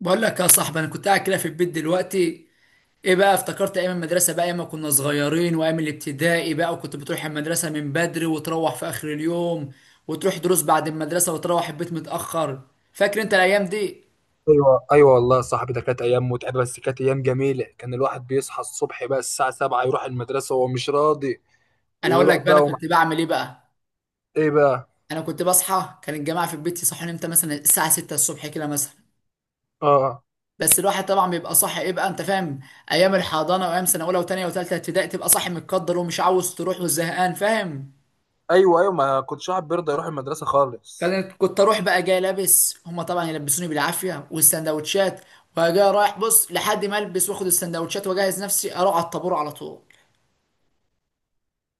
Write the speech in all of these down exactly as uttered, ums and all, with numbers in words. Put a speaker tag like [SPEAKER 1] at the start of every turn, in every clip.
[SPEAKER 1] بقول لك يا صاحبي، انا كنت قاعد كده في البيت دلوقتي. ايه بقى؟ افتكرت ايام المدرسه بقى، ايام ما كنا صغيرين وايام الابتدائي بقى، وكنت بتروح المدرسه من بدري وتروح في اخر اليوم، وتروح دروس بعد المدرسه وتروح البيت متاخر. فاكر انت الايام دي؟
[SPEAKER 2] ايوه، ايوه، والله يا صاحبي ده كانت ايام متعبه، بس كانت ايام جميله. كان الواحد بيصحى الصبح بقى الساعه سبعة، يروح المدرسه وهو مش راضي،
[SPEAKER 1] انا اقول
[SPEAKER 2] ويروح
[SPEAKER 1] لك بقى انا
[SPEAKER 2] بقى ومع
[SPEAKER 1] كنت بعمل ايه بقى.
[SPEAKER 2] ايه بقى.
[SPEAKER 1] انا كنت بصحى، كان الجماعه في البيت يصحوني امتى؟ مثلا الساعه ستة الصبح كده مثلا.
[SPEAKER 2] اه.
[SPEAKER 1] بس الواحد طبعا بيبقى صاحي، ايه بقى؟ انت فاهم. ايام الحضانه وايام سنه اولى وثانيه وثالثه ابتدائي، تبقى صاحي متقدر ومش عاوز تروح وزهقان، فاهم.
[SPEAKER 2] ايوه ايوه، ما كنتش واحد بيرضى يروح المدرسه خالص.
[SPEAKER 1] كانت كنت اروح بقى جاي لابس، هما طبعا يلبسوني بالعافيه والسندوتشات، وجاي رايح بص لحد ما البس واخد السندوتشات واجهز نفسي اروح على الطابور على طول.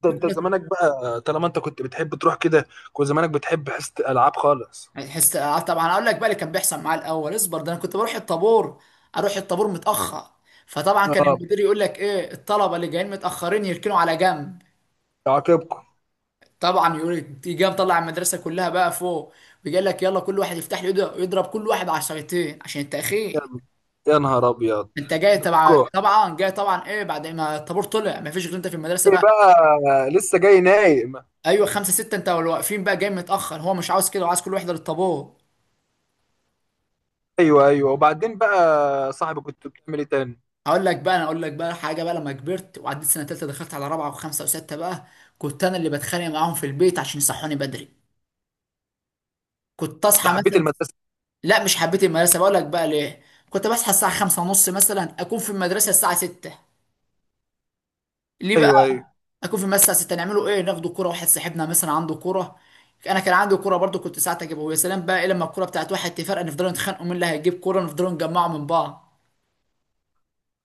[SPEAKER 2] ده انت
[SPEAKER 1] كنت-
[SPEAKER 2] زمانك بقى طالما انت كنت بتحب تروح كده، كنت زمانك بتحب حصه الالعاب خالص.
[SPEAKER 1] حس آه، طبعا اقول لك بقى اللي كان بيحصل معايا الاول، اصبر. ده انا كنت بروح الطابور، اروح الطابور متاخر. فطبعا كان
[SPEAKER 2] اه،
[SPEAKER 1] المدير يقول لك ايه؟ الطلبه اللي جايين متاخرين يركنوا على جنب.
[SPEAKER 2] عاقبكم.
[SPEAKER 1] طبعا يقول تيجي، مطلع المدرسه كلها بقى فوق، ويقول لك يلا كل واحد يفتح له ايده، يضرب كل واحد عصايتين عشان
[SPEAKER 2] يا
[SPEAKER 1] التاخير.
[SPEAKER 2] يا نهار ابيض.
[SPEAKER 1] انت جاي تبع،
[SPEAKER 2] دوكو،
[SPEAKER 1] طبعا جاي طبعا، ايه بعد ما الطابور طلع؟ ما فيش غير انت في المدرسه
[SPEAKER 2] ايه
[SPEAKER 1] بقى.
[SPEAKER 2] بقى لسه جاي نايم؟
[SPEAKER 1] ايوه خمسه سته انت واللي واقفين بقى جاي متاخر، هو مش عاوز كده، وعاوز كل واحده للطابور.
[SPEAKER 2] ايوه ايوه، وبعدين بقى يا صاحبي كنت بتعمل ايه تاني؟
[SPEAKER 1] اقول لك بقى، انا اقول لك بقى حاجه بقى. لما كبرت وعديت سنه تالته دخلت على رابعه وخمسه وسته بقى، كنت انا اللي بتخانق معاهم في البيت عشان يصحوني بدري. كنت
[SPEAKER 2] انت
[SPEAKER 1] اصحى
[SPEAKER 2] حبيت
[SPEAKER 1] مثلا.
[SPEAKER 2] المدرسه؟
[SPEAKER 1] لا، مش حبيت المدرسه، بقول لك بقى ليه. كنت بصحى الساعه خمسة ونص، مثلا اكون في المدرسه الساعه سته. ليه بقى؟
[SPEAKER 2] ايوه ايوه.
[SPEAKER 1] اكون في المسا ستة، نعمله ايه؟ ناخده كوره. واحد صاحبنا مثلا عنده كوره، انا كان عندي كوره برضو، كنت ساعات اجيبها. ويا سلام بقى ايه لما الكوره بتاعت واحد تفرقع، نفضلوا نتخانقوا مين اللي هيجيب كوره، نفضلوا نجمعوا من بعض.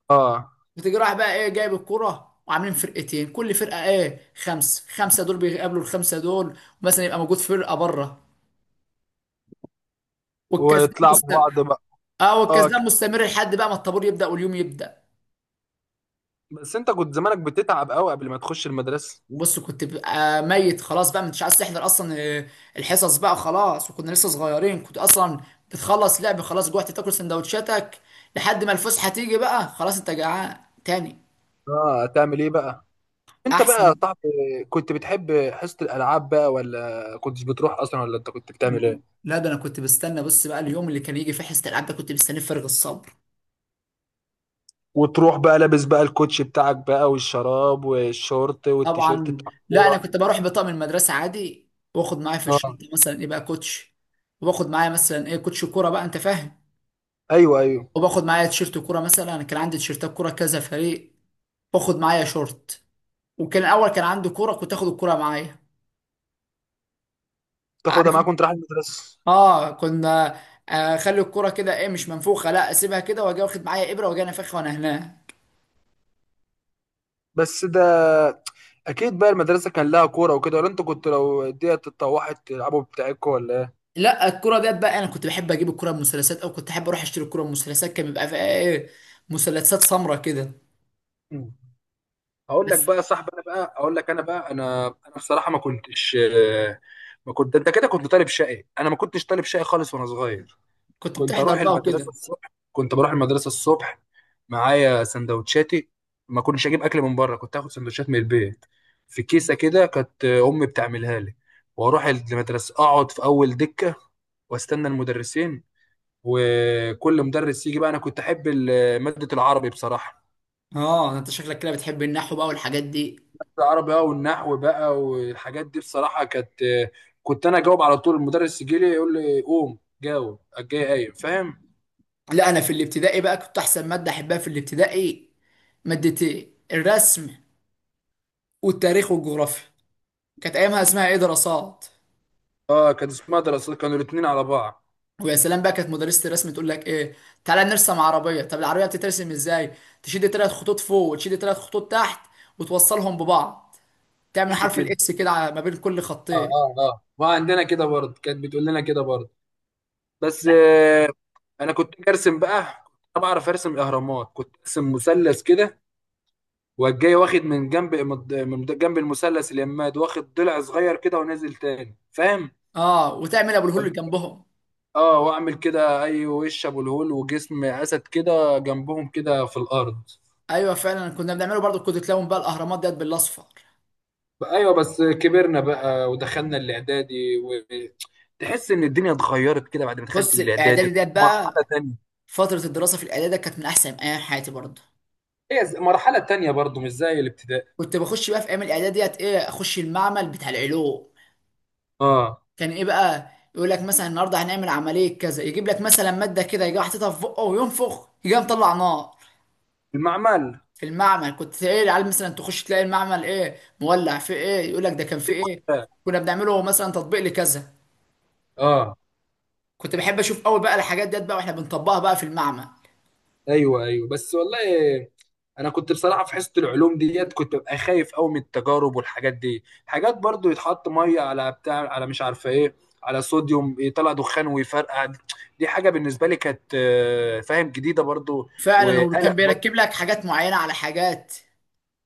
[SPEAKER 2] اه،
[SPEAKER 1] بتيجي رايح بقى ايه جايب الكوره، وعاملين فرقتين، كل فرقه ايه، خمسه خمسه، دول بيقابلوا الخمسه دول، ومثلا يبقى موجود فرقه بره، والكسبان
[SPEAKER 2] ويطلعوا بعض
[SPEAKER 1] مستمر.
[SPEAKER 2] بقى.
[SPEAKER 1] اه،
[SPEAKER 2] اه
[SPEAKER 1] والكسبان
[SPEAKER 2] ك-
[SPEAKER 1] مستمر لحد بقى ما الطابور يبدا واليوم يبدا.
[SPEAKER 2] بس انت كنت زمانك بتتعب قوي قبل ما تخش المدرسه.
[SPEAKER 1] وبص كنت ببقى ميت خلاص بقى، مش عايز تحضر اصلا آه، الحصص بقى خلاص، وكنا لسه صغيرين. كنت اصلا بتخلص لعب خلاص، جوعت تاكل سندوتشاتك، لحد ما الفسحه تيجي بقى خلاص انت جعان تاني.
[SPEAKER 2] اه، تعمل ايه بقى؟ انت بقى يا
[SPEAKER 1] احسن.
[SPEAKER 2] صاحبي، كنت بتحب حصه الالعاب بقى ولا كنتش بتروح اصلا، ولا انت كنت بتعمل ايه؟
[SPEAKER 1] لا ده انا كنت بستنى. بص بقى، اليوم اللي كان يجي فيه حصه الالعاب ده كنت مستنيه بفارغ الصبر.
[SPEAKER 2] وتروح بقى لابس بقى الكوتش بتاعك بقى، والشراب والشورت والتيشيرت
[SPEAKER 1] طبعا.
[SPEAKER 2] بتاع
[SPEAKER 1] لا انا
[SPEAKER 2] الكوره.
[SPEAKER 1] كنت بروح بطقم المدرسه عادي، واخد معايا في
[SPEAKER 2] اه.
[SPEAKER 1] الشنطه مثلا ايه بقى، كوتش. وباخد معايا مثلا ايه، كوتش كوره بقى، انت فاهم.
[SPEAKER 2] ايوه ايوه،
[SPEAKER 1] وباخد معايا تيشيرت كوره، مثلا انا كان عندي تيشيرتات كوره كذا فريق. باخد معايا شورت. وكان الاول كان عندي كوره، كنت اخد الكوره معايا.
[SPEAKER 2] تاخدها
[SPEAKER 1] عارف
[SPEAKER 2] معاك
[SPEAKER 1] إنت؟
[SPEAKER 2] وانت رايح المدرسه؟
[SPEAKER 1] اه كنا آه، اخلي الكوره كده ايه مش منفوخه، لا اسيبها كده واجي واخد معايا ابره واجي انفخها وانا هنا.
[SPEAKER 2] بس ده اكيد بقى المدرسه كان لها كوره وكده، ولا انت كنت لو ديت اتطوحت تلعبوا بتاعكوا، ولا
[SPEAKER 1] لا الكوره ديت بقى، انا كنت بحب اجيب الكوره بمثلثات، او كنت احب اروح اشتري الكوره بمثلثات، كان بيبقى فيها ايه، مثلثات سمراء كده.
[SPEAKER 2] ايه؟ هقول لك
[SPEAKER 1] بس
[SPEAKER 2] بقى يا صاحبي. انا بقى اقول لك انا بقى انا انا بصراحه ما كنتش، ما كنت انت كده. كنت طالب شقي، انا ما كنتش طالب شقي خالص وانا صغير.
[SPEAKER 1] كنت
[SPEAKER 2] كنت
[SPEAKER 1] بتحضر
[SPEAKER 2] اروح
[SPEAKER 1] بقى
[SPEAKER 2] المدرسه
[SPEAKER 1] وكده.
[SPEAKER 2] الصبح، كنت بروح المدرسه الصبح معايا سندوتشاتي. ما كنتش اجيب اكل من بره، كنت اخد سندوتشات من البيت في كيسه كده، كانت امي بتعملها لي. واروح المدرسه اقعد في اول دكه واستنى المدرسين، وكل مدرس يجي بقى. انا كنت احب ال- ماده العربي بصراحه.
[SPEAKER 1] اه انت شكلك كده بتحب النحو بقى والحاجات دي.
[SPEAKER 2] العربي بقى والنحو بقى والحاجات دي بصراحة كانت، كنت انا اجاوب على طول. المدرس يجي لي يقول لي قوم جاوب، الجاي قايم، فاهم.
[SPEAKER 1] لا انا في الابتدائي بقى، كنت احسن ماده احبها في الابتدائي، مادتين، الرسم، والتاريخ والجغرافيا، كانت ايامها اسمها ايه، دراسات.
[SPEAKER 2] اه، كانت اسمها دراسات، كانوا الاثنين على بعض.
[SPEAKER 1] ويا سلام بقى كانت مدرسه الرسم تقول لك ايه، تعالى نرسم عربيه. طب العربيه بتترسم ازاي؟ تشد ثلاث خطوط فوق وتشد ثلاث خطوط تحت، وتوصلهم ببعض، تعمل
[SPEAKER 2] ميكس
[SPEAKER 1] حرف
[SPEAKER 2] كده.
[SPEAKER 1] الاكس كده على- ما بين كل
[SPEAKER 2] اه
[SPEAKER 1] خطين.
[SPEAKER 2] اه اه، وعندنا كده برضه كانت بتقول لنا كده برضه. بس
[SPEAKER 1] لا.
[SPEAKER 2] آه، انا كنت ارسم بقى. انا بعرف ارسم الاهرامات، كنت ارسم مثلث كده، والجاي واخد من جنب، من جنب المثلث اليماد واخد ضلع صغير كده ونازل تاني، فاهم.
[SPEAKER 1] اه، وتعمل ابو الهول جنبهم.
[SPEAKER 2] اه، واعمل كده اي وش ابو الهول وجسم اسد كده جنبهم كده في الارض.
[SPEAKER 1] ايوه فعلا كنا بنعمله برضو، كنت تلون بقى الاهرامات ديت بالاصفر.
[SPEAKER 2] بقى ايوه، بس كبرنا بقى ودخلنا الاعدادي، وتحس ان الدنيا اتغيرت كده بعد ما دخلت
[SPEAKER 1] بص الاعدادي
[SPEAKER 2] الاعدادي.
[SPEAKER 1] ديت بقى،
[SPEAKER 2] مرحله تانية.
[SPEAKER 1] فتره الدراسه في الاعدادي ديت كانت من احسن ايام حياتي برضو.
[SPEAKER 2] هي ز- مرحله تانية برضو مش زي الابتدائي.
[SPEAKER 1] كنت بخش بقى في ايام الاعدادي ديت ايه، اخش المعمل بتاع العلوم.
[SPEAKER 2] اه،
[SPEAKER 1] كان ايه بقى يقول لك مثلا، النهارده هنعمل عمليه كذا، يجيب لك مثلا ماده كده، يجي حاططها في بقه وينفخ يجي مطلع نار.
[SPEAKER 2] المعمل.
[SPEAKER 1] في المعمل كنت تلاقي العيال مثلا تخش تلاقي المعمل ايه مولع في ايه، يقول لك ده كان في ايه، كنا بنعمله مثلا تطبيق لكذا.
[SPEAKER 2] اه
[SPEAKER 1] كنت بحب اشوف قوي بقى الحاجات ديت بقى واحنا بنطبقها بقى في المعمل.
[SPEAKER 2] ايوه ايوه، بس والله، انا كنت بصراحه في حصه العلوم ديت كنت ببقى خايف قوي من التجارب والحاجات دي. حاجات برضو يتحط ميه على بتاع، على مش عارفه ايه، على صوديوم يطلع دخان ويفرقع. دي حاجه بالنسبه لي كانت، آه، فاهم، جديده برضو.
[SPEAKER 1] فعلا، وكان
[SPEAKER 2] وقلق برضو.
[SPEAKER 1] بيركب لك حاجات معينه على حاجات.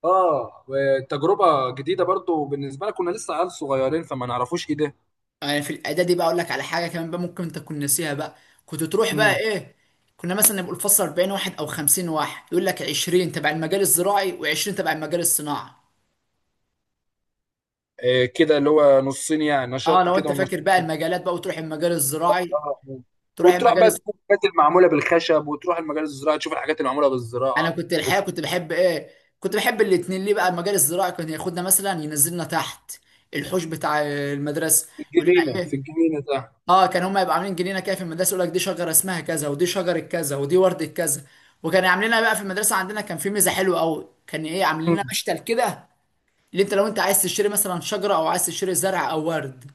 [SPEAKER 2] اه، وتجربه جديده برضو بالنسبه لنا، كنا لسه عيال صغيرين فما نعرفوش ايه ده.
[SPEAKER 1] يعني في الاعدادي بقى اقول لك على حاجه كمان بقى ممكن انت تكون ناسيها بقى، كنت تروح بقى
[SPEAKER 2] امم
[SPEAKER 1] ايه، كنا مثلا نبقى الفصل اربعين واحد او خمسين واحد، يقول لك عشرين تبع المجال الزراعي و20 تبع المجال الصناعي.
[SPEAKER 2] آه، كده اللي هو نصين، يعني
[SPEAKER 1] اه
[SPEAKER 2] نشاط
[SPEAKER 1] لو
[SPEAKER 2] وكده
[SPEAKER 1] انت فاكر
[SPEAKER 2] ونشاط
[SPEAKER 1] بقى
[SPEAKER 2] كده.
[SPEAKER 1] المجالات بقى، وتروح المجال الزراعي،
[SPEAKER 2] آه.
[SPEAKER 1] تروح
[SPEAKER 2] وتروح
[SPEAKER 1] المجال
[SPEAKER 2] بقى
[SPEAKER 1] الز...
[SPEAKER 2] تشوف الحاجات المعموله بالخشب، وتروح المجال الزراعي تشوف الحاجات المعموله
[SPEAKER 1] انا
[SPEAKER 2] بالزراعه.
[SPEAKER 1] كنت الحقيقه كنت بحب ايه، كنت بحب الاتنين. ليه بقى؟ المجال الزراعي كان ياخدنا مثلا ينزلنا تحت الحوش بتاع المدرسه،
[SPEAKER 2] في
[SPEAKER 1] يقول لنا
[SPEAKER 2] الجنينة في
[SPEAKER 1] ايه،
[SPEAKER 2] الجنينة تحت.
[SPEAKER 1] اه كان هما يبقوا عاملين جنينه كده في المدرسه، يقول لك دي شجره اسمها كذا ودي شجره كذا ودي ورده كذا. وكان عاملينها بقى في المدرسه عندنا، كان في ميزه حلوه قوي، كان ايه، عاملين لنا
[SPEAKER 2] مم.
[SPEAKER 1] مشتل كده، اللي انت لو انت عايز تشتري مثلا شجره او عايز تشتري زرع او ورد،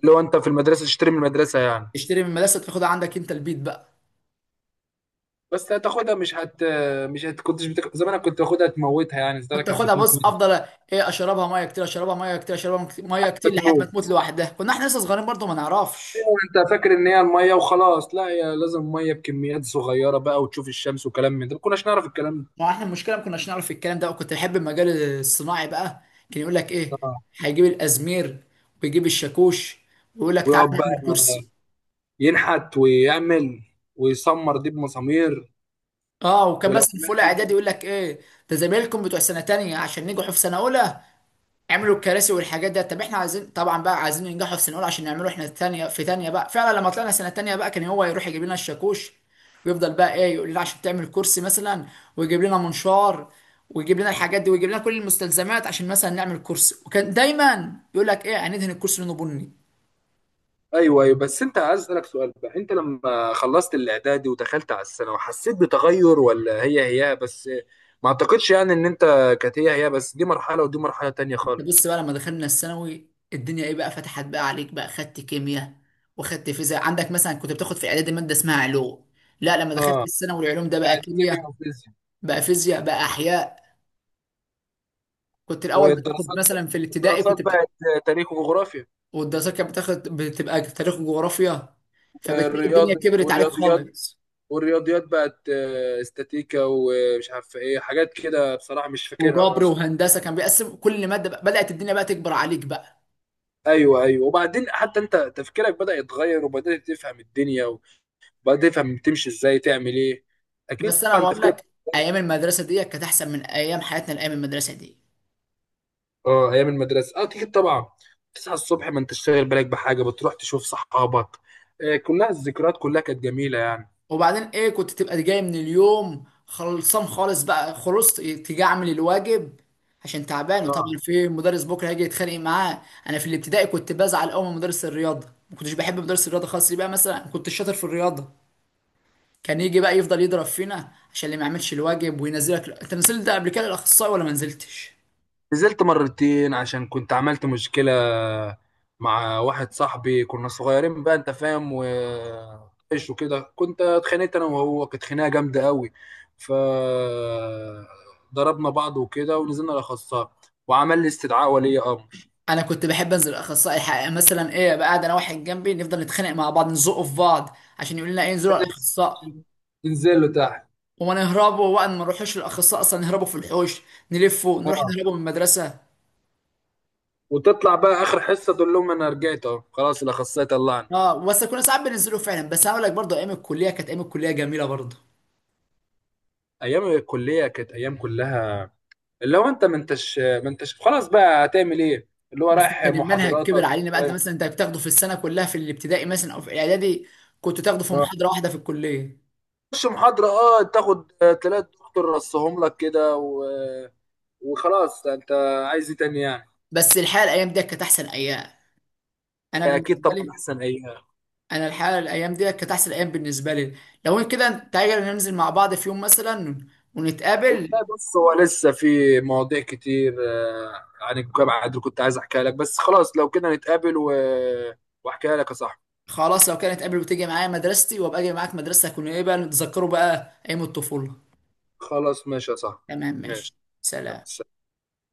[SPEAKER 2] اللي هو انت في المدرسة تشتري من المدرسة يعني.
[SPEAKER 1] تشتري من المدرسه تاخدها عندك انت البيت بقى.
[SPEAKER 2] بس هتاخدها مش هت مش هت كنتش بتك... زمان أنا كنت باخدها تموتها، يعني الزلمه
[SPEAKER 1] كنت
[SPEAKER 2] كانت
[SPEAKER 1] تاخدها،
[SPEAKER 2] بتموت
[SPEAKER 1] بص
[SPEAKER 2] منها.
[SPEAKER 1] افضل ايه، اشربها ميه كتير اشربها ميه كتير اشربها ميه كتير لحد ما تموت
[SPEAKER 2] بتموت.
[SPEAKER 1] لوحدها. كنا احنا لسه صغيرين برضه ما نعرفش.
[SPEAKER 2] انت فاكر ان هي الميه وخلاص؟ لا، هي لازم ميه بكميات صغيره بقى، وتشوف الشمس وكلام من ده، ما كناش نعرف الكلام ده.
[SPEAKER 1] ما احنا المشكله ما كناش نعرف الكلام ده. وكنت بحب المجال الصناعي بقى، كان يقول لك ايه،
[SPEAKER 2] آه.
[SPEAKER 1] هيجيب الازمير ويجيب الشاكوش، ويقول لك تعالى
[SPEAKER 2] ويقعد بقى
[SPEAKER 1] نعمل كرسي.
[SPEAKER 2] ينحت ويعمل، ويسمر دي بمسامير.
[SPEAKER 1] اه، وكان
[SPEAKER 2] ولو
[SPEAKER 1] مثلا في
[SPEAKER 2] عملت
[SPEAKER 1] اولى
[SPEAKER 2] انت.
[SPEAKER 1] اعدادي يقول لك ايه، ده زمايلكم بتوع سنه تانية عشان نجحوا في سنه اولى عملوا الكراسي والحاجات ده. طب احنا عايزين طبعا بقى عايزين ينجحوا في سنه اولى عشان نعمله احنا الثانيه في ثانيه بقى. فعلا لما طلعنا سنه ثانيه بقى كان هو يروح يجيب لنا الشاكوش، ويفضل بقى ايه يقول لنا عشان تعمل كرسي مثلا، ويجيب لنا منشار، ويجيب لنا الحاجات دي ويجيب لنا كل المستلزمات عشان مثلا نعمل كرسي. وكان دايما يقول لك ايه، هندهن الكرسي لونه بني.
[SPEAKER 2] ايوه ايوه، بس انت عايز اسالك سؤال بقى. انت لما خلصت الاعدادي ودخلت على الثانوي حسيت بتغير ولا هي هي بس؟ ما اعتقدش يعني ان انت كانت هي هي بس، دي مرحله ودي مرحله تانية
[SPEAKER 1] انت
[SPEAKER 2] خالص.
[SPEAKER 1] بص بقى لما دخلنا الثانوي، الدنيا ايه بقى، فتحت بقى عليك بقى، خدت كيمياء وخدت فيزياء. عندك مثلا كنت بتاخد في اعدادي ماده اسمها علوم، لا لما دخلت
[SPEAKER 2] اه،
[SPEAKER 1] الثانوي العلوم ده بقى
[SPEAKER 2] بقت كيمياء
[SPEAKER 1] كيمياء
[SPEAKER 2] وفيزياء.
[SPEAKER 1] بقى فيزياء بقى احياء. كنت الاول بتاخد
[SPEAKER 2] والدراسات
[SPEAKER 1] مثلا
[SPEAKER 2] بقى،
[SPEAKER 1] في الابتدائي
[SPEAKER 2] الدراسات
[SPEAKER 1] كنت بت...
[SPEAKER 2] بقت تاريخ وجغرافيا.
[SPEAKER 1] والدراسات كانت بتاخد بتبقى تاريخ وجغرافيا. فبتلاقي الدنيا
[SPEAKER 2] الرياضي
[SPEAKER 1] كبرت عليك
[SPEAKER 2] والرياضيات،
[SPEAKER 1] خالص،
[SPEAKER 2] والرياضيات بقت آه، استاتيكا ومش عارف ايه، حاجات كده بصراحه مش فاكرها انا
[SPEAKER 1] وجبر
[SPEAKER 2] اصلا.
[SPEAKER 1] وهندسه، كان بيقسم كل ماده بقى. بدات الدنيا بقى تكبر عليك بقى.
[SPEAKER 2] ايوه ايوه، وبعدين حتى انت تفكيرك بدأ يتغير، وبدأت تفهم الدنيا بقى، تفهم بتمشي ازاي تعمل ايه. اكيد
[SPEAKER 1] بس انا
[SPEAKER 2] طبعا
[SPEAKER 1] بقول
[SPEAKER 2] تفكيرك.
[SPEAKER 1] لك، ايام المدرسه دي كانت احسن من ايام حياتنا الايام المدرسه دي.
[SPEAKER 2] اه، ايام المدرسه، اه اكيد طبعا. تصحى الصبح ما انت شاغل بالك بحاجه، بتروح تشوف صحابك. آه كلها، الذكريات كلها كانت جميله يعني.
[SPEAKER 1] وبعدين ايه، كنت تبقى جاي من اليوم خلصان خالص بقى، خلصت تيجي اعمل الواجب عشان تعبان، وطبعا
[SPEAKER 2] اه،
[SPEAKER 1] في مدرس بكره هيجي يتخانق معاه. انا في الابتدائي كنت بزعل قوي من مدرس الرياضه، ما كنتش بحب مدرس الرياضه خالص. ليه بقى؟ مثلا كنت شاطر في الرياضه، كان يجي بقى يفضل يضرب فينا عشان اللي ما يعملش الواجب. وينزلك، انت نزلت قبل كده الاخصائي ولا ما نزلتش؟
[SPEAKER 2] نزلت مرتين عشان كنت عملت مشكله مع واحد صاحبي، كنا صغيرين بقى، انت فاهم. و ايش وكده، كنت اتخانقت انا وهو، كانت خناقه جامده قوي. ف ضربنا بعض وكده ونزلنا الاخصائي، وعمل لي استدعاء ولي امر.
[SPEAKER 1] انا كنت بحب انزل الاخصائي الحقيقه، مثلا ايه بقى قاعد انا واحد جنبي نفضل نتخانق مع بعض، نزقه في بعض عشان يقول لنا ايه، انزلوا على
[SPEAKER 2] فينيش.
[SPEAKER 1] الاخصائي.
[SPEAKER 2] عشان تنزل له تحت.
[SPEAKER 1] ونهربوا بقى ما نروحوش للاخصائي اصلا، نهربوا في الحوش، نلفوا نروح
[SPEAKER 2] اه،
[SPEAKER 1] نهربوا من المدرسه.
[SPEAKER 2] وتطلع بقى اخر حصه تقول لهم انا رجعت اهو، خلاص الاخصائي طلعني.
[SPEAKER 1] اه بس كنا ساعات بننزلوا فعلا. بس هقول لك برضه، ايام الكليه كانت ايام الكليه جميله برضه.
[SPEAKER 2] ايام الكليه كانت ايام كلها. اللي هو انت ما انتش ما انتش خلاص بقى، هتعمل ايه؟ اللي هو
[SPEAKER 1] بس
[SPEAKER 2] رايح
[SPEAKER 1] كان المنهج كبر
[SPEAKER 2] محاضراتك
[SPEAKER 1] علينا بقى، انت
[SPEAKER 2] جاي.
[SPEAKER 1] مثلا انت بتاخده في السنه كلها في الابتدائي مثلا او في الاعدادي، كنت تاخده في
[SPEAKER 2] آه.
[SPEAKER 1] محاضره واحده في الكليه.
[SPEAKER 2] تخش محاضره، اه تاخد، آه، تلاقي الدكتور رصهم لك كده و... وخلاص انت عايز ايه تاني يعني؟
[SPEAKER 1] بس الحقيقه الايام دي كانت احسن ايام انا
[SPEAKER 2] اكيد
[SPEAKER 1] بالنسبه
[SPEAKER 2] طبعا
[SPEAKER 1] لي.
[SPEAKER 2] احسن ايام.
[SPEAKER 1] انا الحقيقه الايام دي كانت احسن ايام بالنسبه لي. لو كده تعالى ننزل مع بعض في يوم مثلا ونتقابل.
[SPEAKER 2] والله بص، هو لسه في مواضيع كتير آه، عن الجامعة اللي كنت عايز احكيها لك، بس خلاص لو كده نتقابل و... واحكيها لك يا صاحبي.
[SPEAKER 1] خلاص لو كانت قبل بتيجي معايا مدرستي وابقى اجي معاك مدرستك، ونبقى نتذكروا بقى ايام الطفولة.
[SPEAKER 2] خلاص ماشي يا صاحبي.
[SPEAKER 1] تمام ماشي.
[SPEAKER 2] ماشي.
[SPEAKER 1] سلام.